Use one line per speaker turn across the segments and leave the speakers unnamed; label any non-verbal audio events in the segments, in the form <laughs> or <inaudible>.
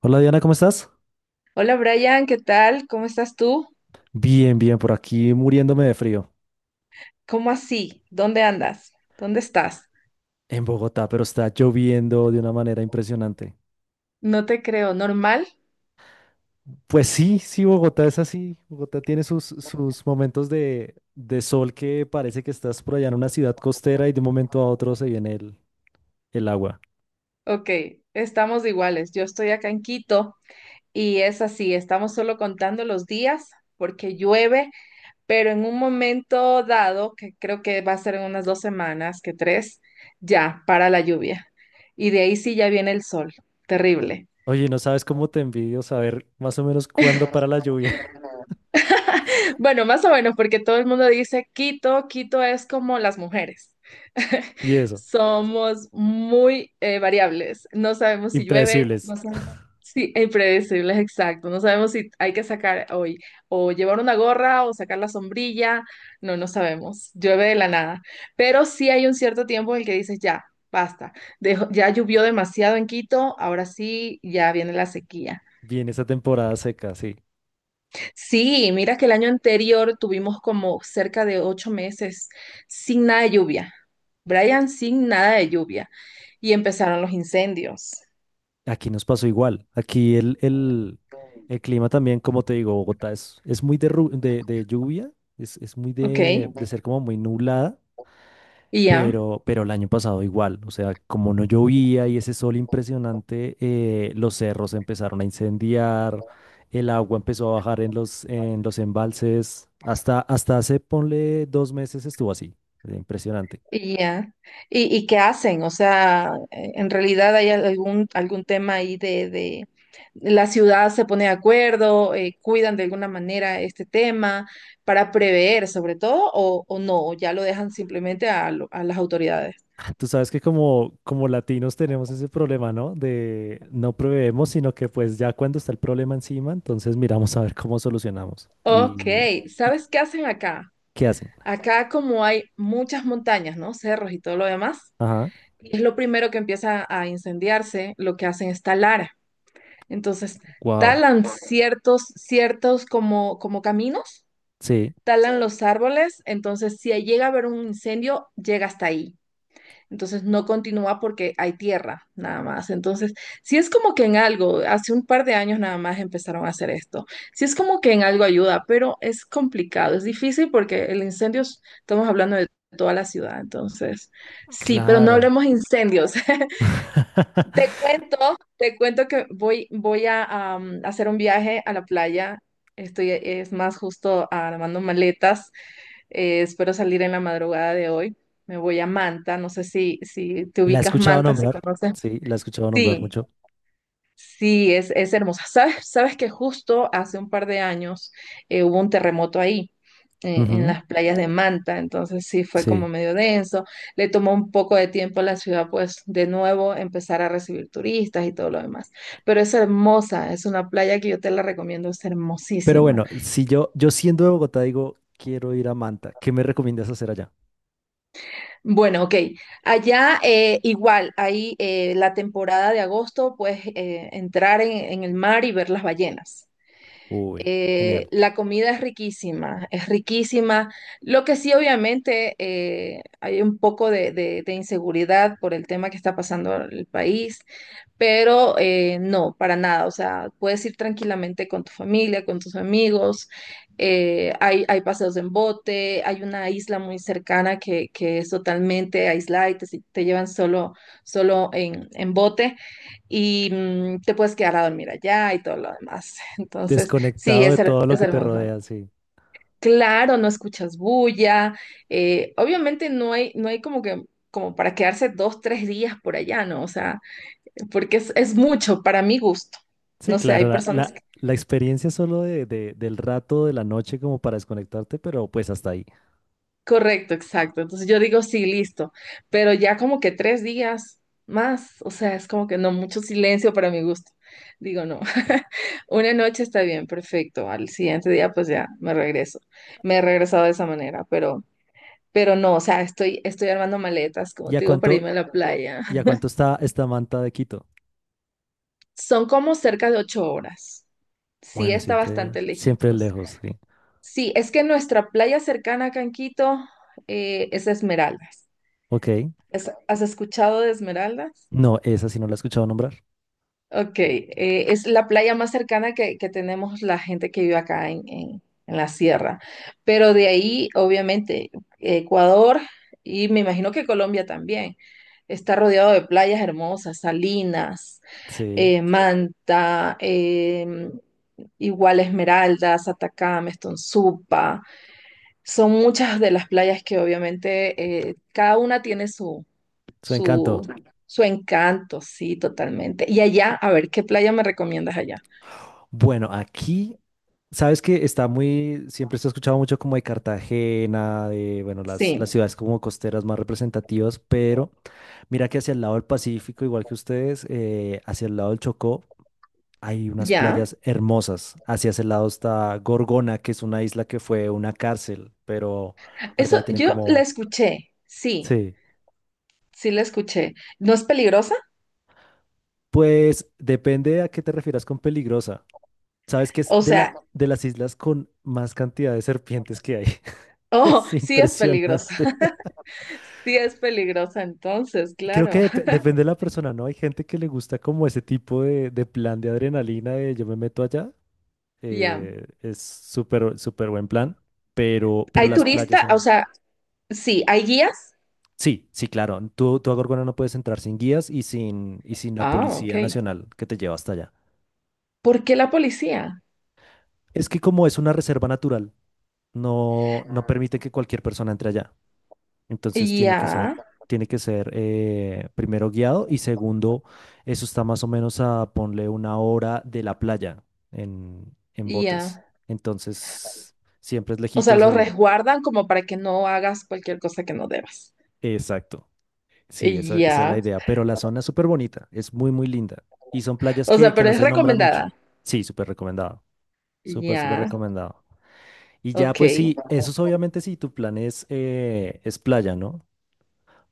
Hola Diana, ¿cómo estás?
Hola Brian, ¿qué tal? ¿Cómo estás tú?
Bien, bien, por aquí muriéndome de frío
¿Cómo así? ¿Dónde andas? ¿Dónde estás?
en Bogotá, pero está lloviendo de una manera impresionante.
No te creo, ¿normal?
Pues sí, sí, Bogotá es así. Bogotá tiene sus momentos de sol que parece que estás por allá en una ciudad costera y de un momento a otro se viene el agua.
Ok, estamos iguales. Yo estoy acá en Quito y es así, estamos solo contando los días porque llueve, pero en un momento dado, que creo que va a ser en unas 2 semanas, que tres, ya para la lluvia. Y de ahí sí ya viene el sol. Terrible.
Oye, no sabes cómo te envidio saber más o menos cuándo para la lluvia
Bueno, más o menos, porque todo el mundo dice Quito, Quito es como las mujeres.
<laughs> y
<laughs>
eso.
Somos muy variables. No sabemos si llueve,
Impredecibles.
no sabemos. Sí, e impredecibles, exacto. No sabemos si hay que sacar hoy o llevar una gorra o sacar la sombrilla. No, no sabemos. Llueve de la nada. Pero sí hay un cierto tiempo en el que dices, ya, basta. Ya llovió demasiado en Quito, ahora sí, ya viene la sequía.
Viene esa temporada seca, sí.
Sí, mira que el año anterior tuvimos como cerca de 8 meses sin nada de lluvia. Brian, sin nada de lluvia. Y empezaron los incendios.
Aquí nos pasó igual. Aquí el clima también, como te digo, Bogotá es muy de, de lluvia, es muy
¿Ok?
de ser como muy nublada,
Y ya,
pero el año pasado igual. O sea, como no llovía y ese sol impresionante, los cerros empezaron a incendiar, el agua empezó a bajar en los embalses. Hasta, hasta hace, ponle dos meses estuvo así. Impresionante.
y ya. ¿Y qué hacen? O sea, en realidad hay algún tema ahí la ciudad se pone de acuerdo, cuidan de alguna manera este tema para prever sobre todo, o no, ya lo dejan simplemente a las autoridades.
Tú sabes que como, como latinos tenemos ese problema, ¿no? De no proveemos, sino que pues ya cuando está el problema encima, entonces miramos a ver cómo solucionamos.
Ok,
Y
¿sabes qué hacen acá?
qué hacen?
Acá como hay muchas montañas, ¿no? Cerros y todo lo demás,
Ajá,
es lo primero que empieza a incendiarse. Lo que hacen es talar. Entonces,
wow.
talan ciertos como caminos,
Sí,
talan los árboles. Entonces, si llega a haber un incendio, llega hasta ahí. Entonces no continúa porque hay tierra nada más. Entonces, si es como que en algo, hace un par de años nada más empezaron a hacer esto. Si es como que en algo ayuda, pero es complicado, es difícil porque el incendio, estamos hablando de toda la ciudad. Entonces, sí, pero no
claro.
hablemos incendios. <laughs> Te
<laughs>
cuento, te cuento que voy a hacer un viaje a la playa. Estoy, es más, justo armando maletas. Espero salir en la madrugada de hoy. Me voy a Manta. No sé si te
La he
ubicas
escuchado
Manta, si
nombrar,
conoces.
sí, la he escuchado nombrar
Sí,
mucho.
sí, es hermosa. ¿Sabes que justo hace un par de años hubo un terremoto ahí, en
Ujú,
las playas de Manta? Entonces sí fue como
sí.
medio denso. Le tomó un poco de tiempo a la ciudad, pues, de nuevo, empezar a recibir turistas y todo lo demás. Pero es hermosa. Es una playa que yo te la recomiendo. Es
Pero
hermosísima.
bueno, si yo, yo siendo de Bogotá digo, quiero ir a Manta, ¿qué me recomiendas hacer allá?
Bueno, ok. Allá igual, ahí la temporada de agosto, pues entrar en el mar y ver las ballenas.
Uy,
Eh,
genial.
la comida es riquísima, es riquísima. Lo que sí, obviamente, hay un poco de inseguridad por el tema que está pasando el país, pero no, para nada. O sea, puedes ir tranquilamente con tu familia, con tus amigos. Hay paseos en bote, hay una isla muy cercana que es totalmente aislada y te, si, te llevan solo, en bote y te puedes quedar a dormir allá y todo lo demás. <laughs> Entonces... Sí,
Desconectado de
es, her-
todo lo
es
que te
hermoso.
rodea, sí.
Claro, no escuchas bulla. Obviamente no hay, no hay como que como para quedarse dos, tres días por allá, ¿no? O sea, porque es mucho para mi gusto.
Sí,
No sé, hay
claro, la,
personas
la,
que...
la experiencia solo de, del rato de la noche como para desconectarte, pero pues hasta ahí.
Correcto, exacto. Entonces yo digo, sí, listo. Pero ya como que 3 días más, o sea, es como que no, mucho silencio para mi gusto. Digo, no. <laughs> Una noche está bien, perfecto. Al siguiente día, pues ya me regreso. Me he regresado de esa manera, pero... Pero no, o sea, estoy, estoy armando maletas, como
¿Y a
te digo, para
cuánto,
irme a la playa.
y a cuánto está esta manta de Quito?
Son como cerca de 8 horas. Sí,
Bueno,
está
siempre,
bastante
siempre
lejitos.
lejos, sí.
Sí, es que nuestra playa cercana a Canquito es Esmeraldas.
Ok.
¿Has escuchado de Esmeraldas?
No, esa sí no la he escuchado nombrar.
Ok, Es la playa más cercana que tenemos la gente que vive acá en la sierra. Pero de ahí, obviamente, Ecuador, y me imagino que Colombia también, está rodeado de playas hermosas: Salinas,
Sí,
Manta, igual Esmeraldas, Atacama, Estonzupa. Son muchas de las playas que obviamente cada una tiene
su
su,
encanto.
su encanto, sí, totalmente. Y allá, a ver, ¿qué playa me recomiendas allá?
Bueno, aquí sabes que está muy, siempre se ha escuchado mucho como de Cartagena, de, bueno, las
Sí,
ciudades como costeras más representativas, pero mira que hacia el lado del Pacífico, igual que ustedes, hacia el lado del Chocó, hay unas
ya.
playas hermosas. Hacia ese lado está Gorgona, que es una isla que fue una cárcel, pero ahorita
Eso,
la tienen
yo la
como...
escuché, sí,
Sí.
sí la escuché. ¿No es peligrosa?
Pues depende a qué te refieras con peligrosa. Sabes que es
O
de
sea,
la, de las islas con más cantidad de serpientes que hay. <laughs>
oh,
Es
sí es peligrosa.
impresionante.
<laughs> Sí es peligrosa, entonces,
Creo
claro.
que
<laughs>
depende de la persona, ¿no? Hay gente que le gusta como ese tipo de plan de adrenalina de yo me meto allá.
Ya.
Es súper, súper buen plan, pero
¿Hay
las playas
turista? O
son...
sea, sí, ¿hay guías?
Sí, sí, claro. Tú a Gorgona no puedes entrar sin guías y sin la
Ah, ok.
Policía Nacional que te lleva hasta allá.
¿Por qué la policía?
Es que como es una reserva natural, no, no permite que cualquier persona entre allá. Entonces
Ya,
tiene que ser primero guiado y segundo, eso está más o menos a ponle una hora de la playa en botes.
ya.
Entonces siempre es
O sea,
lejitos
los
el...
resguardan como para que no hagas cualquier cosa que no debas.
Exacto. Sí, esa es la
Ya.
idea. Pero la zona es súper bonita, es muy, muy linda. Y son playas
O sea,
que
pero
no
es
se nombran mucho.
recomendada.
Sí, súper recomendado. Súper, súper
Ya,
recomendado. Y ya,
ok.
pues sí, eso es obviamente si tu plan es playa, ¿no?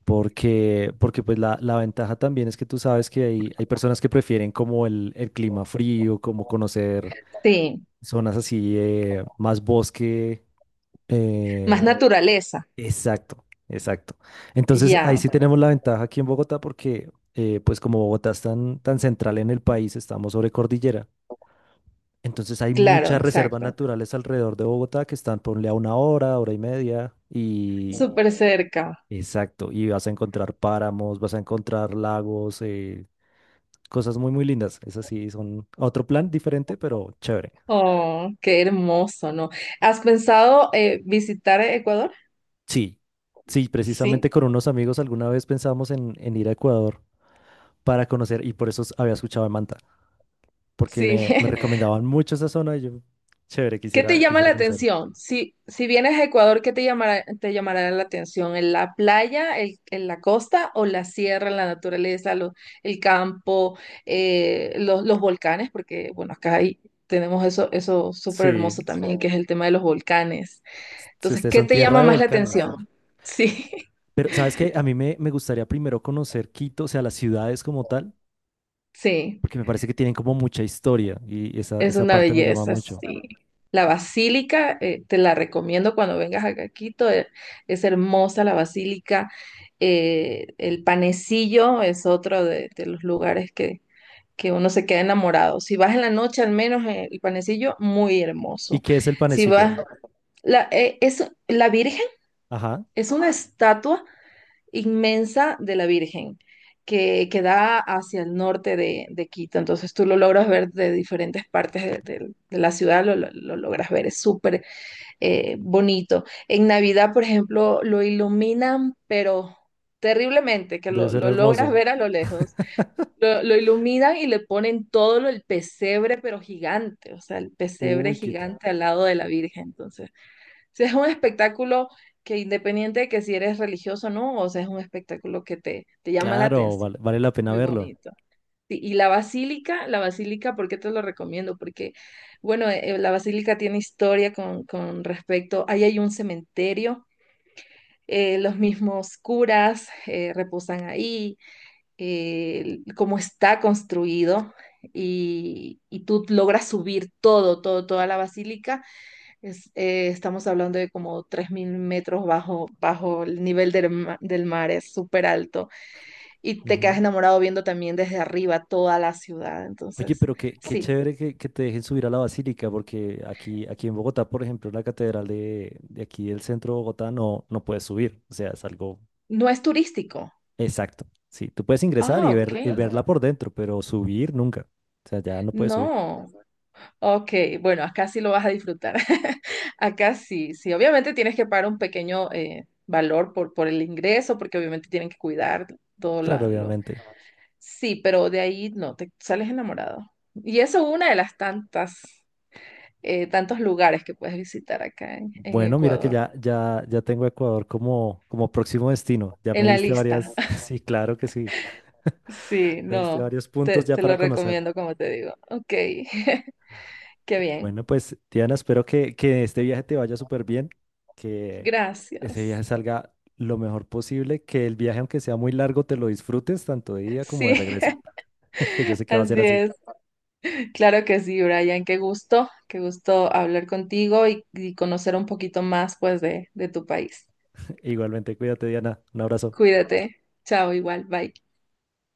Porque, porque pues la ventaja también es que tú sabes que hay personas que prefieren como el clima frío, como conocer
Sí,
zonas así, más bosque. eh,
más naturaleza.
exacto. Entonces ahí
Ya,
sí tenemos la ventaja aquí en Bogotá porque pues como Bogotá es tan, tan central en el país, estamos sobre cordillera. Entonces hay
claro,
muchas reservas
exacto.
naturales alrededor de Bogotá que están, ponle a una hora, hora y media, y
Súper cerca.
exacto, y vas a encontrar páramos, vas a encontrar lagos, cosas muy, muy lindas. Esas sí son otro plan diferente, pero chévere.
Oh, qué hermoso, ¿no? ¿Has pensado visitar Ecuador?
Sí, sí,
Sí,
precisamente con unos amigos alguna vez pensamos en ir a Ecuador para conocer, y por eso había escuchado de Manta, porque
sí.
me
<laughs>
recomendaban mucho esa zona y yo, chévere,
¿Qué te
quisiera,
llama
quisiera
la
conocer.
atención? Si vienes a Ecuador, ¿qué te llamará la atención? ¿En la playa, en la costa, o la sierra, la naturaleza, el campo, los volcanes? Porque, bueno, acá tenemos eso, súper
Sí,
hermoso, sí, también, que es el tema de los volcanes.
si
Entonces,
ustedes
¿qué
son
te
tierra
llama
de
más la
volcanes.
atención? Sí, <laughs>
Pero, ¿sabes qué? A mí me, me gustaría primero conocer Quito, o sea, las ciudades como tal
sí.
porque me parece que tienen como mucha historia y esa,
Es
esa
una
parte me llama
belleza,
mucho.
sí. La basílica, te la recomiendo cuando vengas acá a Quito. Es hermosa la basílica. El panecillo es otro de los lugares que uno se queda enamorado. Si vas en la noche, al menos el panecillo, muy
¿Y
hermoso.
qué es el
Si vas,
panecillo?
la Virgen
Ajá,
es una estatua inmensa de la Virgen que da hacia el norte de Quito. Entonces tú lo logras ver de diferentes partes de la ciudad, lo logras ver, es súper bonito. En Navidad, por ejemplo, lo iluminan, pero terriblemente, que
debe ser
lo logras
hermoso.
ver a lo lejos.
<laughs>
Lo iluminan y le ponen todo el pesebre, pero gigante. O sea, el pesebre
Uy, qué...
gigante al lado de la Virgen. Entonces, <laughs> sea, es un espectáculo que, independiente de que si eres religioso o no, o sea, es un espectáculo que te llama la
Claro, vale,
atención.
vale la pena
Muy
verlo.
bonito. Sí, y la basílica, ¿por qué te lo recomiendo? Porque, bueno, la basílica tiene historia con, respecto. Ahí hay un cementerio, los mismos curas reposan ahí, cómo está construido, y tú logras subir todo, toda la basílica. Estamos hablando de como 3.000 metros bajo el nivel del, del mar, es súper alto. Y te quedas
Ujú.
enamorado viendo también desde arriba toda la ciudad.
Oye,
Entonces,
pero qué, qué
sí,
chévere que te dejen subir a la basílica, porque aquí, aquí en Bogotá, por ejemplo, la catedral de aquí del centro de Bogotá no, no puedes subir. O sea, es algo
no es turístico.
exacto. Sí, tú puedes ingresar
Ah,
y
ok.
ver, y verla por dentro, pero subir nunca. O sea, ya no puedes subir.
No. Ok, bueno, acá sí lo vas a disfrutar. <laughs> Acá sí, sí. Obviamente tienes que pagar un pequeño valor por el ingreso, porque obviamente tienen que cuidar todo
Claro,
lo...
obviamente.
Sí, pero de ahí no, te sales enamorado. Y eso es una de las tantas. Tantos lugares que puedes visitar acá en
Bueno, mira que
Ecuador.
ya, ya, ya tengo Ecuador como, como próximo destino. Ya me
En la
diste
lista.
varias, <laughs>
<laughs>
sí, claro que sí.
Sí,
Me diste
no,
varios puntos ya
te lo
para conocer.
recomiendo como te digo. Ok, <laughs> qué bien.
Bueno, pues Diana, espero que este viaje te vaya súper bien, que ese
Gracias.
viaje salga lo mejor posible, que el viaje, aunque sea muy largo, te lo disfrutes tanto de ida como
Sí,
de regreso, <laughs> que yo sé
<laughs>
que va a ser
así
así.
es. Claro que sí, Brian. Qué gusto hablar contigo y conocer un poquito más, pues, de tu país.
<laughs> Igualmente, cuídate, Diana. Un abrazo.
Cuídate. Chao, igual. Bye.